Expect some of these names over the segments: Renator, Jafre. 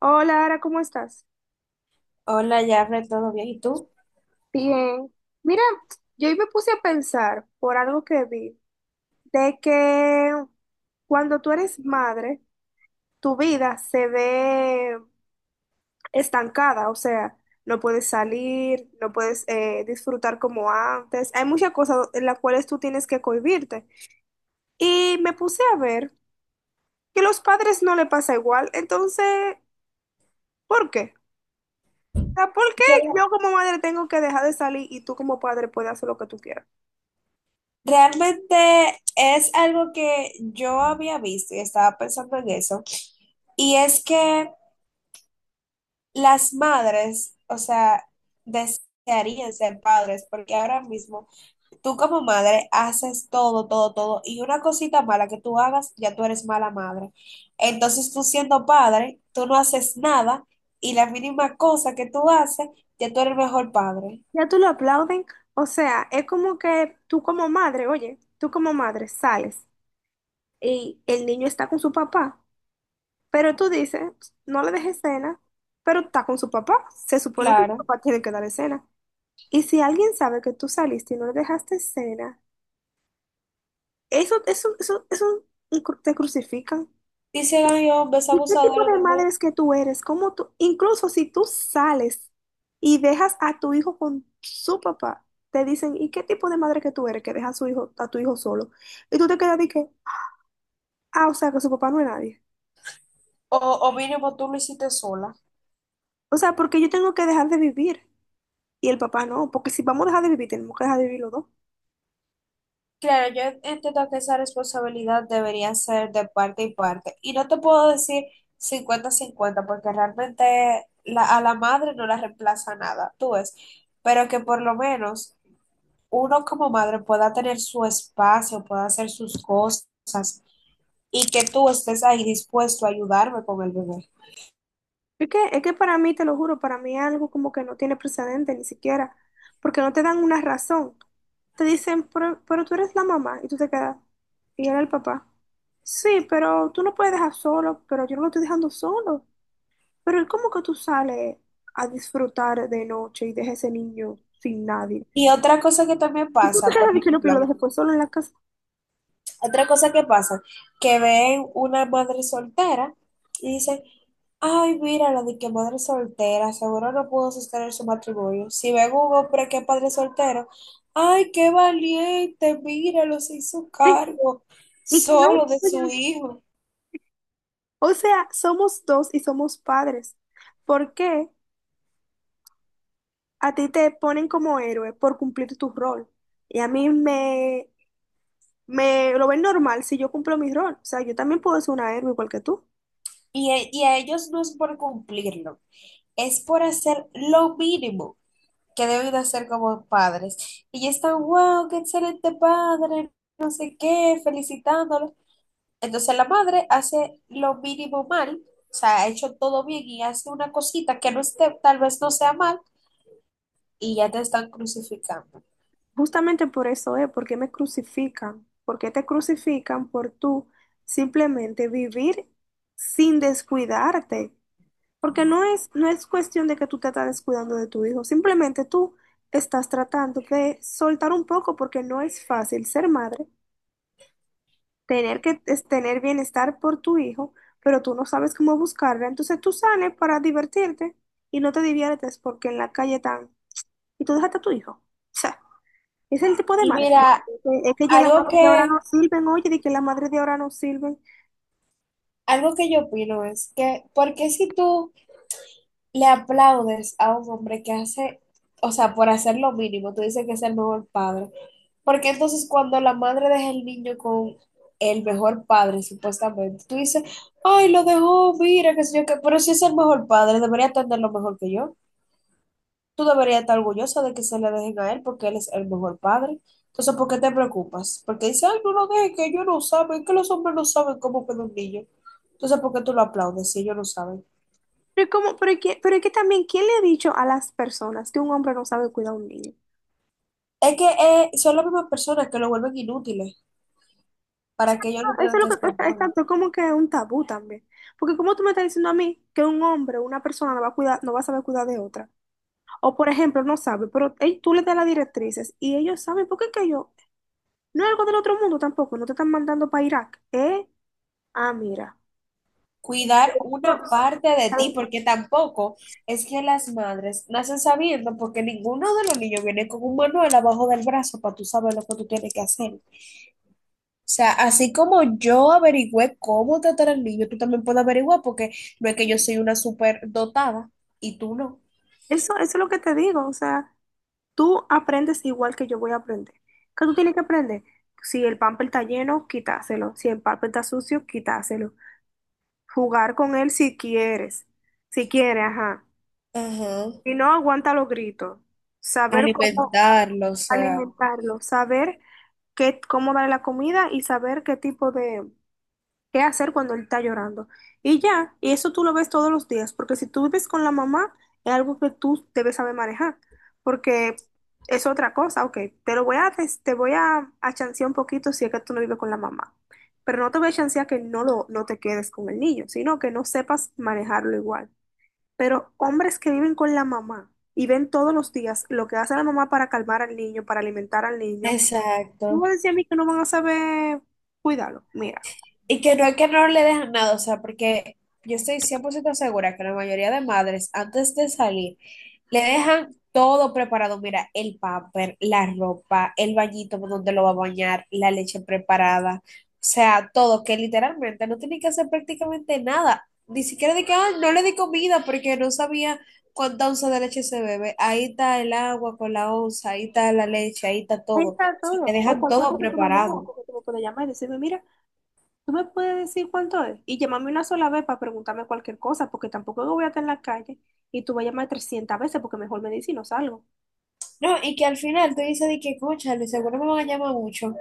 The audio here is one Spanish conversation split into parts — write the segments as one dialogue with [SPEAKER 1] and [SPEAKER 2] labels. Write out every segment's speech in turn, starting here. [SPEAKER 1] Hola, Ara, ¿cómo estás?
[SPEAKER 2] Hola, Jafre, ¿todo bien? ¿Y tú?
[SPEAKER 1] Bien. Mira, yo hoy me puse a pensar por algo que vi, de que cuando tú eres madre, tu vida se ve estancada, o sea, no puedes salir, no puedes disfrutar como antes. Hay muchas cosas en las cuales tú tienes que cohibirte. Y me puse a ver que los padres no le pasa igual, entonces, ¿por qué? O sea, ¿por qué
[SPEAKER 2] Yo
[SPEAKER 1] yo como madre tengo que dejar de salir y tú como padre puedes hacer lo que tú quieras?
[SPEAKER 2] Realmente es algo que yo había visto y estaba pensando en eso. Y es que las madres, o sea, desearían ser padres, porque ahora mismo tú como madre haces todo, todo, todo. Y una cosita mala que tú hagas, ya tú eres mala madre. Entonces tú siendo padre, tú no haces nada y la mínima cosa que tú haces, ya tú eres el mejor padre.
[SPEAKER 1] Ya tú lo aplauden, o sea, es como que tú como madre, oye, tú como madre sales y el niño está con su papá, pero tú dices, no le dejes cena, pero está con su papá, se supone que su
[SPEAKER 2] Claro.
[SPEAKER 1] papá tiene que darle cena. Y si alguien sabe que tú saliste y no le dejaste cena, eso te crucifican.
[SPEAKER 2] Dicen, ay, hombres
[SPEAKER 1] ¿Y qué tipo
[SPEAKER 2] abusadores
[SPEAKER 1] de
[SPEAKER 2] de mujeres.
[SPEAKER 1] madre es que tú eres? ¿Cómo tú, incluso si tú sales y dejas a tu hijo con su papá, te dicen, ¿y qué tipo de madre que tú eres que deja a su hijo, a tu hijo solo? Y tú te quedas de que, ah, o sea, que su papá no es nadie.
[SPEAKER 2] O, o mínimo tú lo hiciste sola.
[SPEAKER 1] O sea, porque yo tengo que dejar de vivir y el papá no, porque si vamos a dejar de vivir, tenemos que dejar de vivir los dos.
[SPEAKER 2] Claro, yo entiendo que esa responsabilidad debería ser de parte y parte. Y no te puedo decir 50-50 porque realmente a la madre no la reemplaza nada, tú ves. Pero que por lo menos uno como madre pueda tener su espacio, pueda hacer sus cosas y que tú estés ahí dispuesto a ayudarme con el bebé.
[SPEAKER 1] Es que para mí, te lo juro, para mí es algo como que no tiene precedente ni siquiera, porque no te dan una razón. Te dicen, pero tú eres la mamá y tú te quedas, y él el papá. Sí, pero tú no puedes dejar solo, pero yo no lo estoy dejando solo. Pero ¿y cómo que tú sales a disfrutar de noche y dejas ese niño sin nadie?
[SPEAKER 2] Y otra cosa que también
[SPEAKER 1] Y tú te
[SPEAKER 2] pasa, por
[SPEAKER 1] quedas de que no, pero lo
[SPEAKER 2] ejemplo,
[SPEAKER 1] dejé pues solo en la casa.
[SPEAKER 2] otra cosa que pasa, que ven una madre soltera y dicen, ay, mira la de que madre soltera, seguro no pudo sostener su matrimonio. Si ven un hombre que es padre soltero, ay, qué valiente, míralo, se hizo
[SPEAKER 1] Sí,
[SPEAKER 2] cargo
[SPEAKER 1] y que no,
[SPEAKER 2] solo de su
[SPEAKER 1] oye,
[SPEAKER 2] hijo.
[SPEAKER 1] o sea, somos dos y somos padres. ¿Por qué? A ti te ponen como héroe por cumplir tu rol. Y a mí me lo ven normal si yo cumplo mi rol. O sea, yo también puedo ser una héroe igual que tú.
[SPEAKER 2] Y a ellos no es por cumplirlo, es por hacer lo mínimo que deben de hacer como padres. Y ya están, wow, qué excelente padre, no sé qué, felicitándolo. Entonces la madre hace lo mínimo mal, o sea, ha hecho todo bien y hace una cosita que no esté, tal vez no sea mal, y ya te están crucificando.
[SPEAKER 1] Justamente por eso es, porque me crucifican. ¿Porque te crucifican por tú simplemente vivir sin descuidarte? Porque no es cuestión de que tú te estás descuidando de tu hijo, simplemente tú estás tratando de soltar un poco porque no es fácil ser madre, tener que es tener bienestar por tu hijo, pero tú no sabes cómo buscarla, entonces tú sales para divertirte y no te diviertes porque en la calle están y tú dejaste a tu hijo. O sea, es el tipo de
[SPEAKER 2] Y
[SPEAKER 1] madre. ¿No?
[SPEAKER 2] mira,
[SPEAKER 1] Es que ya las
[SPEAKER 2] algo
[SPEAKER 1] madres de ahora
[SPEAKER 2] que,
[SPEAKER 1] no sirven, oye, de que las madres de ahora no sirven.
[SPEAKER 2] algo que yo opino es que, ¿por qué si tú le aplaudes a un hombre que hace, o sea, por hacer lo mínimo, tú dices que es el mejor padre? Porque entonces cuando la madre deja el niño con el mejor padre, supuestamente, tú dices, ay, lo dejó, mira, qué sé yo, qué, pero si es el mejor padre, debería atenderlo mejor que yo. Tú deberías estar orgullosa de que se le dejen a él porque él es el mejor padre. Entonces, ¿por qué te preocupas? Porque dice, ay, no lo dejes, que ellos no saben, que los hombres no saben cómo cuidar un niño. Entonces, ¿por qué tú lo aplaudes si ellos no saben?
[SPEAKER 1] Pero, ¿cómo? Pero, pero es que también, ¿quién le ha dicho a las personas que un hombre no sabe cuidar a un niño?
[SPEAKER 2] Es que son las mismas personas que lo vuelven inútiles
[SPEAKER 1] O sea,
[SPEAKER 2] para que ellos no
[SPEAKER 1] no, eso
[SPEAKER 2] tengan
[SPEAKER 1] es lo
[SPEAKER 2] que
[SPEAKER 1] que
[SPEAKER 2] hacer
[SPEAKER 1] pasa,
[SPEAKER 2] nada.
[SPEAKER 1] exacto, es como que un tabú también. Porque como tú me estás diciendo a mí que un hombre, una persona no va a cuidar, no va a saber cuidar de otra. O por ejemplo, no sabe, pero ey, tú le das las directrices y ellos saben, porque es que yo, no es algo del otro mundo tampoco, no te están mandando para Irak, ¿eh? Ah, mira.
[SPEAKER 2] Cuidar una
[SPEAKER 1] No,
[SPEAKER 2] parte de ti, porque tampoco es que las madres nacen sabiendo, porque ninguno de los niños viene con un manual abajo del brazo para tú saber lo que tú tienes que hacer. O sea, así como yo averigüé cómo tratar al niño, tú también puedes averiguar, porque no es que yo soy una super dotada y tú no.
[SPEAKER 1] eso es lo que te digo, o sea, tú aprendes igual que yo voy a aprender. ¿Qué tú tienes que aprender? Si el pamper está lleno, quítaselo. Si el pamper está sucio, quítaselo. Jugar con él si quieres, si quiere, ajá.
[SPEAKER 2] Ajá.
[SPEAKER 1] Si no, aguanta los gritos. Saber cómo
[SPEAKER 2] Alimentarlo, o sea.
[SPEAKER 1] alimentarlo, saber qué, cómo darle la comida y saber qué tipo de, qué hacer cuando él está llorando. Y ya, y eso tú lo ves todos los días, porque si tú vives con la mamá, es algo que tú debes saber manejar, porque es otra cosa, ok, te lo voy a, a chancear un poquito si es que tú no vives con la mamá, pero no te voy a chancear que no, lo, no te quedes con el niño, sino que no sepas manejarlo igual. Pero hombres que viven con la mamá y ven todos los días lo que hace la mamá para calmar al niño, para alimentar al niño, ¿cómo
[SPEAKER 2] Exacto.
[SPEAKER 1] decía a mí que no van a saber cuidarlo? Mira.
[SPEAKER 2] Y que no es que no le dejan nada, o sea, porque yo estoy 100% segura que la mayoría de madres, antes de salir, le dejan todo preparado. Mira, el paper, la ropa, el bañito donde lo va a bañar, la leche preparada, o sea, todo, que literalmente no tiene que hacer prácticamente nada. Ni siquiera de que, ah, no le di comida porque no sabía cuánta onza de leche se bebe. Ahí está el agua con la onza, ahí está la leche, ahí está
[SPEAKER 1] Ahí
[SPEAKER 2] todo.
[SPEAKER 1] está
[SPEAKER 2] Sí, te
[SPEAKER 1] todo. O
[SPEAKER 2] dejan
[SPEAKER 1] cualquier
[SPEAKER 2] todo
[SPEAKER 1] cosa tú me llamas,
[SPEAKER 2] preparado.
[SPEAKER 1] porque tú me puedes llamar y decirme, mira, tú me puedes decir cuánto es. Y llámame una sola vez para preguntarme cualquier cosa, porque tampoco yo voy a estar en la calle y tú vas a llamar 300 veces, porque mejor me dices y no salgo.
[SPEAKER 2] No, y que al final tú dices de que, escúchale, seguro me van a llamar mucho.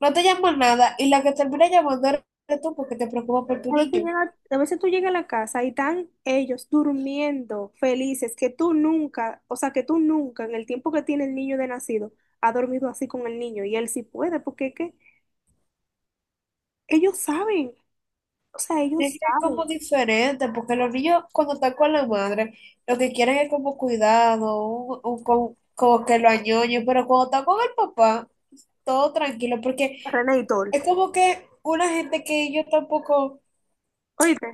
[SPEAKER 2] No te llaman nada y la que termina llamando eres tú porque te preocupa por tu niño.
[SPEAKER 1] A veces tú llegas a la casa y están ellos durmiendo felices, que tú nunca, o sea, que tú nunca en el tiempo que tiene el niño de nacido, ha dormido así con el niño. Y él sí puede, porque es que ellos saben, o sea,
[SPEAKER 2] Es
[SPEAKER 1] ellos
[SPEAKER 2] que es
[SPEAKER 1] saben.
[SPEAKER 2] como diferente, porque los niños cuando están con la madre, lo que quieren es como cuidado, como que lo añoñen, pero cuando están con el papá, todo tranquilo, porque
[SPEAKER 1] René y Tol.
[SPEAKER 2] es como que una gente que yo tampoco,
[SPEAKER 1] Oíste,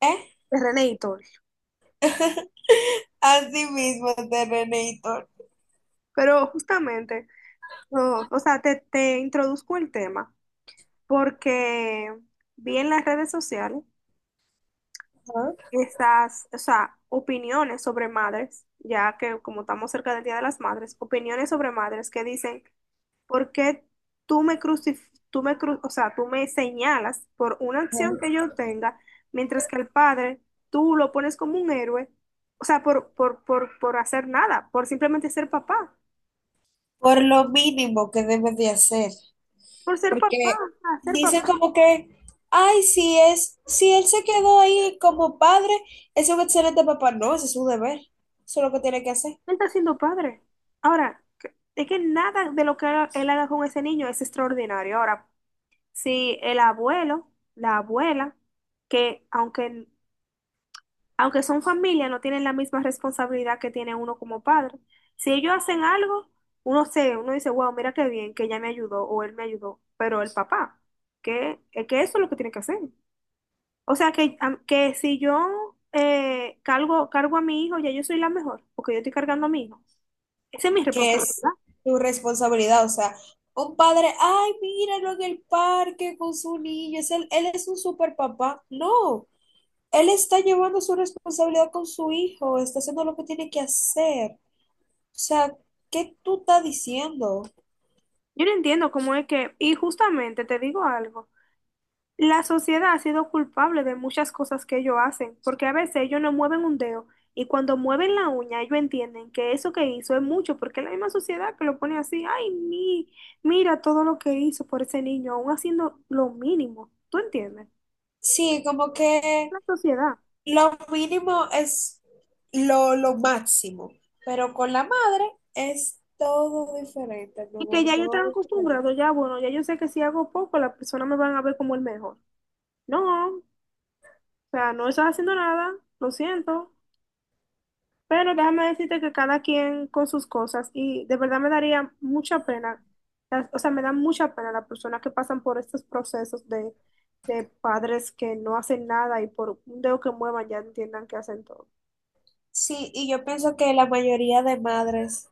[SPEAKER 2] ¿eh?
[SPEAKER 1] René y Tol.
[SPEAKER 2] Así mismo, de Renator.
[SPEAKER 1] Pero justamente. No, o sea, te introduzco el tema porque vi en las redes sociales estas, o sea, opiniones sobre madres, ya que como estamos cerca del Día de las Madres, opiniones sobre madres que dicen, ¿por qué tú me crucif tú me cru- o sea, tú me señalas por una acción que yo tenga, mientras que el padre tú lo pones como un héroe, o sea, por hacer nada, por simplemente ser papá,
[SPEAKER 2] Por lo mínimo que debes de hacer.
[SPEAKER 1] por ser papá,
[SPEAKER 2] Porque
[SPEAKER 1] o sea, ser
[SPEAKER 2] dicen
[SPEAKER 1] papá.
[SPEAKER 2] como que, ay, si es, si él se quedó ahí como padre, es un excelente papá. No, ese es su deber. Eso es lo que tiene que hacer,
[SPEAKER 1] Él está siendo padre. Ahora, es que nada de lo que él haga con ese niño es extraordinario. Ahora, si el abuelo, la abuela, que aunque, aunque son familia, no tienen la misma responsabilidad que tiene uno como padre. Si ellos hacen algo, uno dice, wow, mira qué bien, que ella me ayudó o él me ayudó. Pero el papá, que, es que eso es lo que tiene que hacer. O sea que, que si yo cargo a mi hijo, ya yo soy la mejor, porque yo estoy cargando a mi hijo. Esa es mi
[SPEAKER 2] que es
[SPEAKER 1] responsabilidad.
[SPEAKER 2] su responsabilidad. O sea, un padre, ay, míralo en el parque con su niño, es él, él es un super papá. No, él está llevando su responsabilidad con su hijo, está haciendo lo que tiene que hacer. O sea, ¿qué tú estás diciendo?
[SPEAKER 1] Yo no entiendo cómo es que, y justamente te digo algo, la sociedad ha sido culpable de muchas cosas que ellos hacen, porque a veces ellos no mueven un dedo y cuando mueven la uña ellos entienden que eso que hizo es mucho, porque es la misma sociedad que lo pone así, ay, mira todo lo que hizo por ese niño, aún haciendo lo mínimo, ¿tú entiendes?
[SPEAKER 2] Sí, como que
[SPEAKER 1] La sociedad.
[SPEAKER 2] lo mínimo es lo máximo, pero con la madre es todo diferente, mi
[SPEAKER 1] Y que
[SPEAKER 2] amor,
[SPEAKER 1] ya yo
[SPEAKER 2] todo
[SPEAKER 1] estaba
[SPEAKER 2] diferente.
[SPEAKER 1] acostumbrado, ya bueno, ya yo sé que si hago poco, las personas me van a ver como el mejor. No, o sea, no estás haciendo nada, lo siento. Pero déjame decirte que cada quien con sus cosas y de verdad me daría mucha pena, o sea, me da mucha pena las personas que pasan por estos procesos de padres que no hacen nada y por un dedo que muevan ya entiendan que hacen todo.
[SPEAKER 2] Sí, y yo pienso que la mayoría de madres,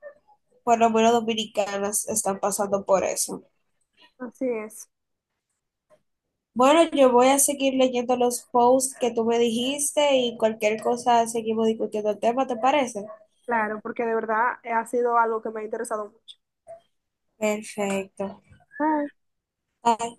[SPEAKER 2] por lo menos dominicanas, están pasando por eso.
[SPEAKER 1] Así es,
[SPEAKER 2] Bueno, yo voy a seguir leyendo los posts que tú me dijiste y cualquier cosa seguimos discutiendo el tema, ¿te parece?
[SPEAKER 1] claro, porque de verdad ha sido algo que me ha interesado mucho.
[SPEAKER 2] Perfecto.
[SPEAKER 1] Bye.
[SPEAKER 2] Bye.